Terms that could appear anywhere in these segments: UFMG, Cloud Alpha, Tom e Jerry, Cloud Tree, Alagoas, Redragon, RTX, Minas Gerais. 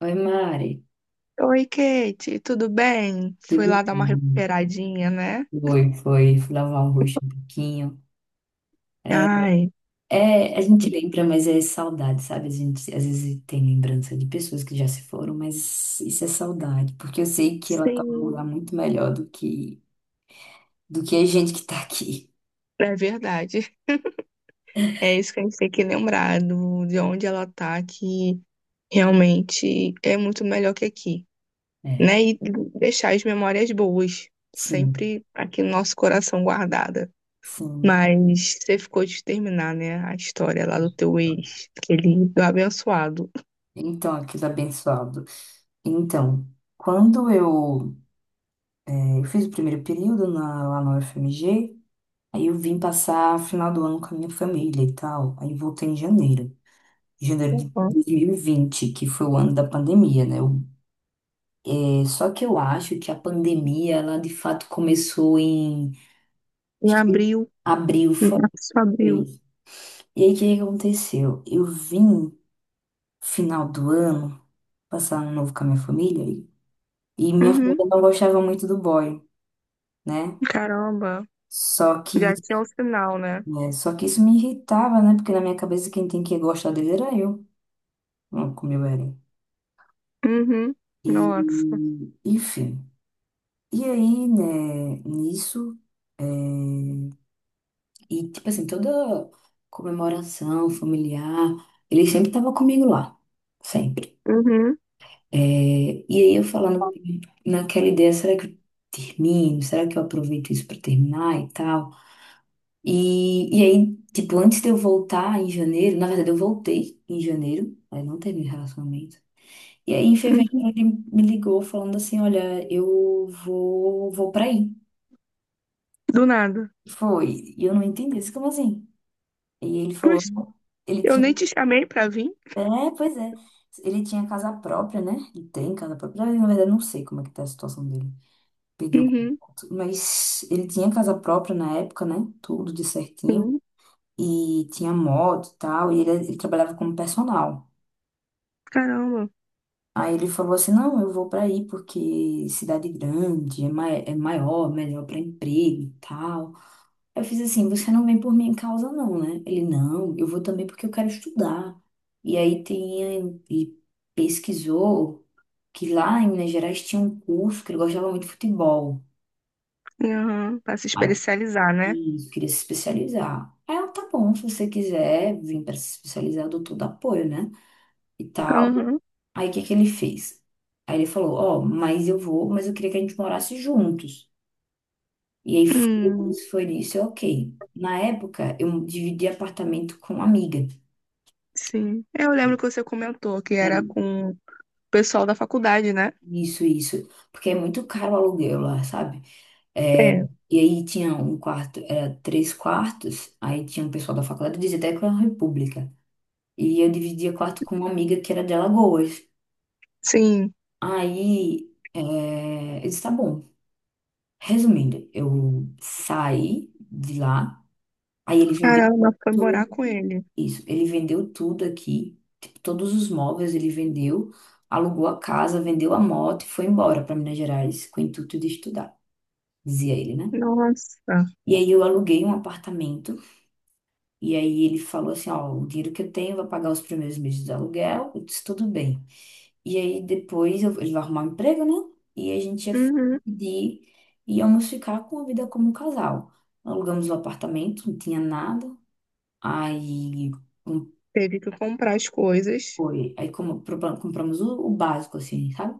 Oi, Mari. Oi, Kate, tudo bem? Fui Tudo lá dar uma bem? recuperadinha, né? Foi, foi. Fui lavar o rosto um pouquinho. Ai, É, a gente lembra, mas é saudade, sabe? A gente às vezes tem lembrança de pessoas que já se foram, mas isso é saudade, porque eu sei que ela tá num lugar sim, muito melhor do que a gente que tá aqui. é verdade. É isso que a gente tem que lembrar de onde ela tá, que realmente é muito melhor que aqui, É, né? E deixar as memórias boas, sim, sempre aqui no nosso coração guardada. sim. Mas você ficou de terminar, né, a história lá do teu ex, aquele do abençoado. Então, aquilo é abençoado. Então, quando eu fiz o primeiro período lá na UFMG. Aí eu vim passar final do ano com a minha família e tal. Aí voltei em janeiro. Janeiro de Uhum. 2020, que foi o ano da pandemia, né? Só que eu acho que a pandemia, ela de fato começou em... Em Acho que abril, abril foi. março, abril. E aí, o que que aconteceu? Eu vim final do ano passar ano novo com a minha família e minha Uhum. família não gostava muito do boy, né? Caramba. Só que, Já tinha o sinal, né? né? Só que isso me irritava, né? Porque na minha cabeça quem tem que gostar dele era eu, não como eu era. Uhum. E, Nossa. enfim. E aí, né, nisso, é, e tipo assim, toda comemoração familiar, ele sempre tava comigo lá, sempre. Uhum. É, e aí eu falando naquela ideia, será que eu termino? Será que eu aproveito isso pra terminar e tal? E aí, tipo, antes de eu voltar em janeiro, na verdade eu voltei em janeiro, aí não teve relacionamento. E aí, em fevereiro, Uhum. ele me ligou falando assim: Olha, eu vou pra aí. Do nada. Foi. E eu não entendi isso, como assim? E ele falou: Pois, Ele eu tinha. nem te chamei pra vir. É, pois é. Ele tinha casa própria, né? Ele tem casa própria. Na verdade, eu não sei como é que tá a situação dele. Pediu Uhum. contato. Mas ele tinha casa própria na época, né? Tudo de certinho. Sim. E tinha moto e tal. E ele trabalhava como personal. Caramba. Aí ele falou assim, não, eu vou para aí porque cidade grande é, mai é maior, melhor para emprego e tal. Eu fiz assim, você não vem por minha causa não, né? Ele, não, eu vou também porque eu quero estudar. E aí e pesquisou que lá em Minas Gerais tinha um curso que ele gostava muito de futebol. Uhum. Pra se Aí especializar, né? ele queria se especializar. Aí eu, tá bom, se você quiser vir para se especializar, eu dou todo apoio, né? E tal. Uhum. Aí o que que ele fez? Aí ele falou, ó, mas eu queria que a gente morasse juntos. E aí foi Hum, isso, foi isso, ok. Na época, eu dividi apartamento com uma amiga. sim. Eu lembro que você comentou que era Hum. com o pessoal da faculdade, né? Isso, isso. Porque é muito caro o aluguel lá, sabe? É, É. e aí tinha um quarto, era três quartos, aí tinha um pessoal da faculdade, eu dizia até que era uma república. E eu dividia quarto com uma amiga que era de Alagoas. Sim. Aí, eu disse, tá bom. Resumindo, eu saí de lá. Aí ele vendeu Caramba, foi tudo, morar com ele. isso, ele vendeu tudo aqui, tipo, todos os móveis ele vendeu, alugou a casa, vendeu a moto e foi embora para Minas Gerais com o intuito de estudar, dizia ele, né? Nossa. E aí eu aluguei um apartamento e aí ele falou assim, ó, o dinheiro que eu tenho vai pagar os primeiros meses do aluguel, eu disse, tudo bem. E aí depois ele vai arrumar um emprego, né? E a gente ia Uhum. pedir, íamos ficar com a vida como um casal. Alugamos o apartamento, não tinha nada. Aí, um Teve que comprar as coisas. foi. Aí como, compramos o básico, assim, sabe?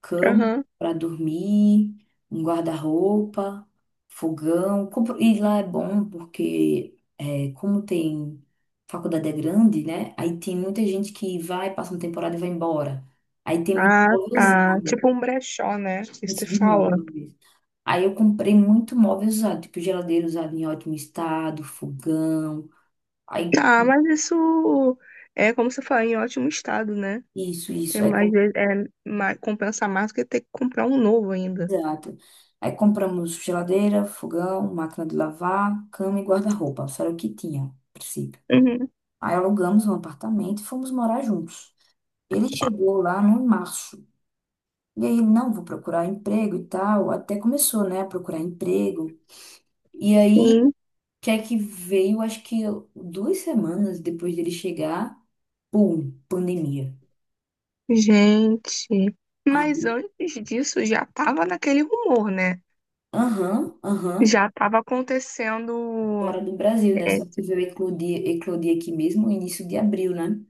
Cama Aham. para dormir, um guarda-roupa, fogão. E lá é bom porque, como tem faculdade é grande, né? Aí tem muita gente que vai, passa uma temporada e vai embora. Aí tem muito Ah, móvel tá. usado, Tipo um brechó, né? Que se isso de fala. móveis. Aí eu comprei muito móvel usado, tipo geladeira usada em ótimo estado, fogão. Aí Ah, mas isso é como você fala, em ótimo estado, né? isso, É isso. Aí, mais, é mais, compensa mais do que ter que comprar um novo ainda. exato. Aí compramos geladeira, fogão, máquina de lavar, cama e guarda-roupa. Só era o que tinha, a princípio. Uhum, Aí alugamos um apartamento e fomos morar juntos. Ele chegou lá no março. E aí, não, vou procurar emprego e tal. Até começou, né, a procurar emprego. E aí, sim, que é que veio, acho que 2 semanas depois dele chegar, pum, pandemia. gente. Ah. Mas antes disso já tava naquele rumor, né? Aham, aham. Já tava acontecendo, Fora do Brasil, né? é, Só que veio eclodir aqui mesmo, no início de abril, né?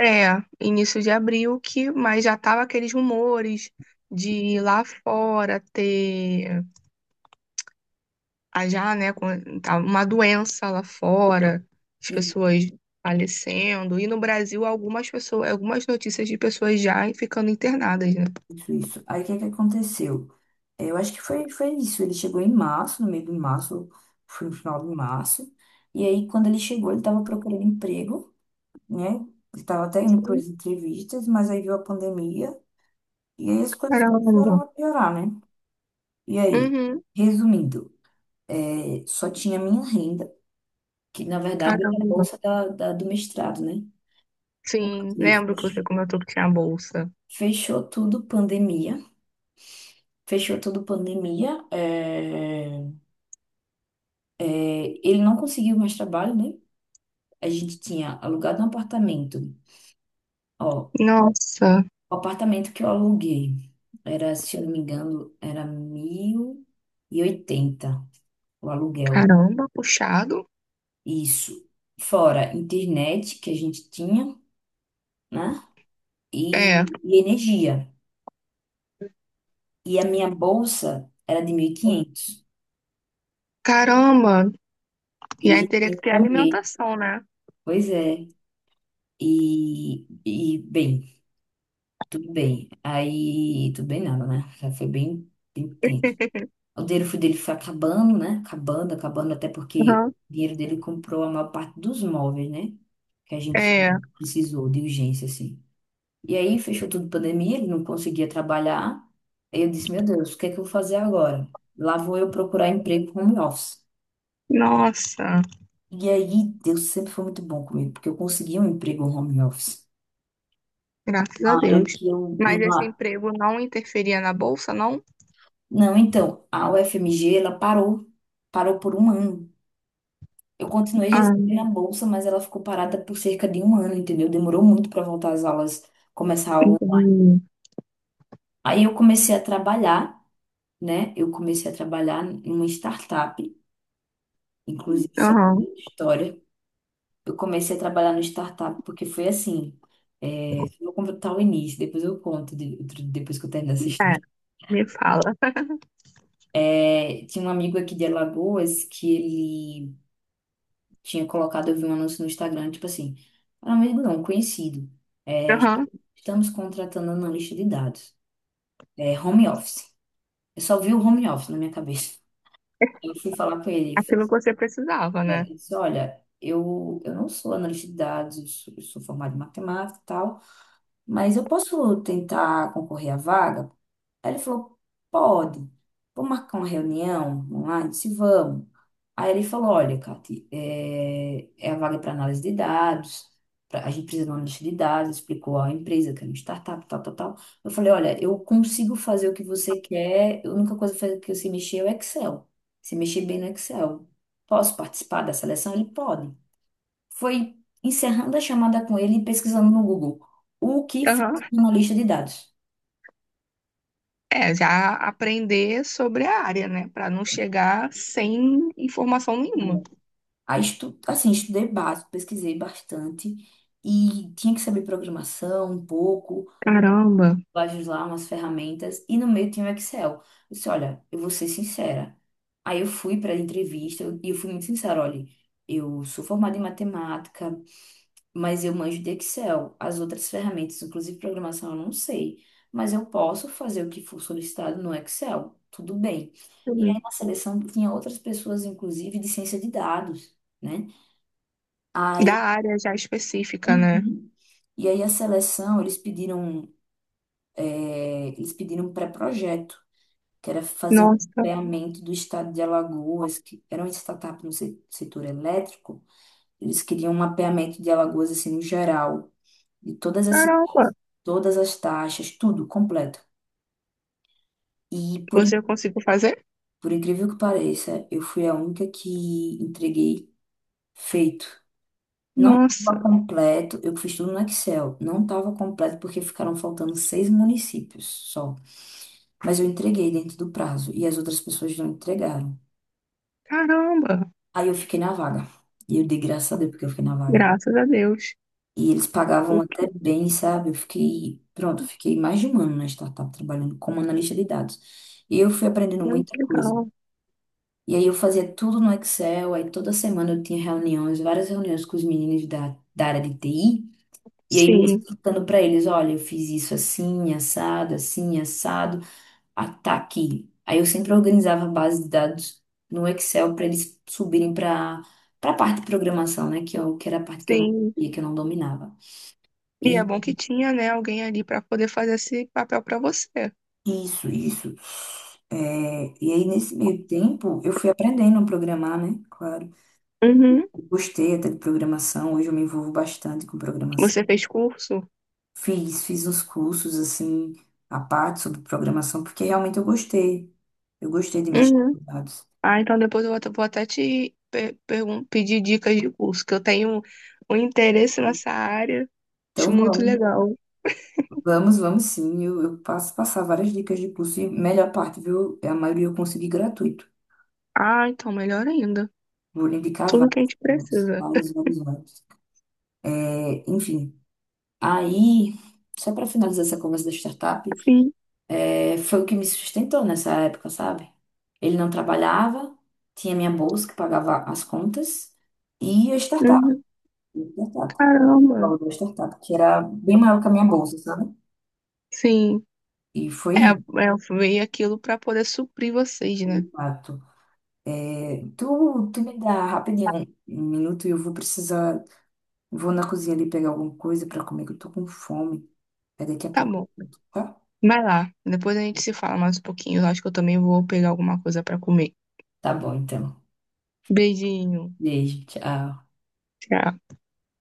é, início de abril que, mas já tava aqueles rumores de lá fora ter a já, né, com- tá uma doença lá fora, as pessoas falecendo, e no Brasil algumas pessoas, algumas notícias de pessoas já ficando internadas, né? Isso, isso. Aí o que é que aconteceu? É, eu acho que foi isso. Ele chegou em março, no meio de março, foi no final de março. E aí, quando ele chegou, ele estava procurando emprego, né? Ele estava até indo para as entrevistas, mas aí veio a pandemia e aí as coisas Caramba. começaram a piorar, né? E aí, Uhum, resumindo, só tinha a minha renda, que na verdade era a caramba. bolsa do mestrado, né? Porque Sim, lembro que você comentou que tinha bolsa. fechou tudo pandemia, fechou tudo pandemia. É, ele não conseguiu mais trabalho, né? A gente tinha alugado um apartamento. Ó, Nossa, o apartamento que eu aluguei era, se eu não me engano, era 1080 o aluguel. caramba, puxado. Isso. Fora internet que a gente tinha, né? E, É, e energia. E a minha bolsa era de 1.500. caramba. E quinhentos. E E a aí gente teria tinha que que ter comer. alimentação, né? Pois é. E bem, tudo bem. Aí, tudo bem nada, né? Já foi bem, bem tenso. O dinheiro foi dele foi acabando, né? Acabando, acabando, até porque Uhum. o dinheiro dele comprou a maior parte dos móveis, né? Que a gente É, precisou de urgência, assim. E aí fechou tudo pandemia, ele não conseguia trabalhar. Aí eu disse, meu Deus, o que é que eu vou fazer agora? Lá vou eu procurar emprego home office. nossa, E aí, Deus sempre foi muito bom comigo, porque eu consegui um emprego home office. graças a Uma área Deus. que eu... Mas esse uma- emprego não interferia na bolsa, não? Não, então, a UFMG, ela parou. Parou por um ano. Eu continuei Ah, recebendo a bolsa, mas ela ficou parada por cerca de um ano, entendeu? Demorou muito para voltar às aulas, começar a aula. entendi. Aí eu comecei a trabalhar, né? Eu comecei a trabalhar em uma startup, inclusive isso é uma Aham, outra história. Eu comecei a trabalhar no startup porque foi assim. É, eu vou contar o início, depois eu conto, depois que eu terminar essa é, história. me fala. É, tinha um amigo aqui de Alagoas que ele tinha colocado, eu vi um anúncio no Instagram, tipo assim, para amigo não, conhecido. É, Aham, estamos contratando analista de dados. É, home office. Eu só vi o home office na minha cabeça. Aí eu fui falar com ele, aquilo fiz, que você precisava, né, né? eu disse, olha, eu não sou analista de dados, eu sou formado em matemática e tal, mas eu posso tentar concorrer à vaga? Aí ele falou, pode, vamos marcar uma reunião online? Eu disse, vamos. Aí ele falou, olha, Cati, é a vaga para análise de dados, a gente precisa de uma lista de dados, explicou a empresa, que era uma startup, tal, tal, tal. Eu falei, olha, eu consigo fazer o que você quer, a única coisa que eu sei mexer é o Excel, se mexer bem no Excel. Posso participar da seleção? Ele pode. Foi encerrando a chamada com ele e pesquisando no Google, o que faz Aham. um analista de dados? É, já aprender sobre a área, né? Pra não chegar sem informação nenhuma. Aí, assim, estudei básico, pesquisei bastante e tinha que saber programação um pouco, Caramba. lá umas ferramentas e no meio tinha o Excel. Eu disse, olha, eu vou ser sincera. Aí eu fui para a entrevista e eu fui muito sincera, olha, eu sou formada em matemática, mas eu manjo de Excel. As outras ferramentas, inclusive programação, eu não sei, mas eu posso fazer o que for solicitado no Excel, tudo bem. E aí Uhum. na seleção tinha outras pessoas, inclusive de ciência de dados, né? Da área já específica, né? Uhum. E aí a seleção, eles pediram um pré-projeto, que era fazer um Nossa, mapeamento do estado de Alagoas, que era uma startup no setor elétrico. Eles queriam um mapeamento de Alagoas, assim, no geral, de todas as caramba. cidades, todas as taxas, tudo completo. E por, in- Você conseguiu fazer? por incrível que pareça, eu fui a única que entreguei feito. Não estava Nossa, completo, eu fiz tudo no Excel. Não estava completo porque ficaram faltando seis municípios só. Mas eu entreguei dentro do prazo e as outras pessoas não entregaram. caramba. Aí eu fiquei na vaga. E eu dei graças a Deus porque eu fiquei na vaga. Graças a Deus. E eles pagavam Pô, até Que bem, sabe? Eu fiquei, pronto, fiquei mais de um ano na startup trabalhando como analista de dados. E eu fui aprendendo muita que coisa. legal. E aí eu fazia tudo no Excel, aí toda semana eu tinha reuniões, várias reuniões com os meninos da área de TI. E aí eu Sim, explicando para eles, olha, eu fiz isso assim, assado, assim, assado. Ataque. Aí eu sempre organizava a base de dados no Excel para eles subirem para a parte de programação, né? Que era a parte que eu não sim. sabia, que eu não dominava. E é E bom que tinha, né, alguém ali pra poder fazer esse papel pra você. isso, isso. É, e aí, nesse meio tempo, eu fui aprendendo a programar, né? Claro. Uhum. Gostei até de programação, hoje eu me envolvo bastante com programação. Você fez curso? Fiz uns cursos, assim, à parte sobre programação, porque realmente eu gostei. Eu gostei de mexer Uhum. com dados. Ah, então depois eu vou até te pedir dicas de curso, que eu tenho um interesse nessa área, Então, acho muito vamos. legal. Vamos, vamos sim. Eu passo passar várias dicas de curso e melhor parte, viu? É, a maioria eu consegui gratuito. Ah, então melhor ainda. Vou lhe indicar Tudo que a gente vários, precisa. vários, vários, vários. É, enfim, aí, só para finalizar essa conversa da startup, Sim. Foi o que me sustentou nessa época, sabe? Ele não trabalhava, tinha minha bolsa que pagava as contas e a startup, Uhum. a startup, o Caramba. valor da startup, que era bem maior que a minha bolsa, sabe? Sim. E foi, É, isso, é, eu veio aquilo para poder suprir vocês, né? de fato. É, tu me dá rapidinho um minuto e eu vou precisar. Vou na cozinha ali pegar alguma coisa pra comer, que eu tô com fome. Aí daqui a Tá pouco bom. eu volto, tá? Vai lá. Depois a gente se fala mais um pouquinho. Eu acho que eu também vou pegar alguma coisa para comer. Tá bom, então. Beijinho. Beijo, tchau. Tchau.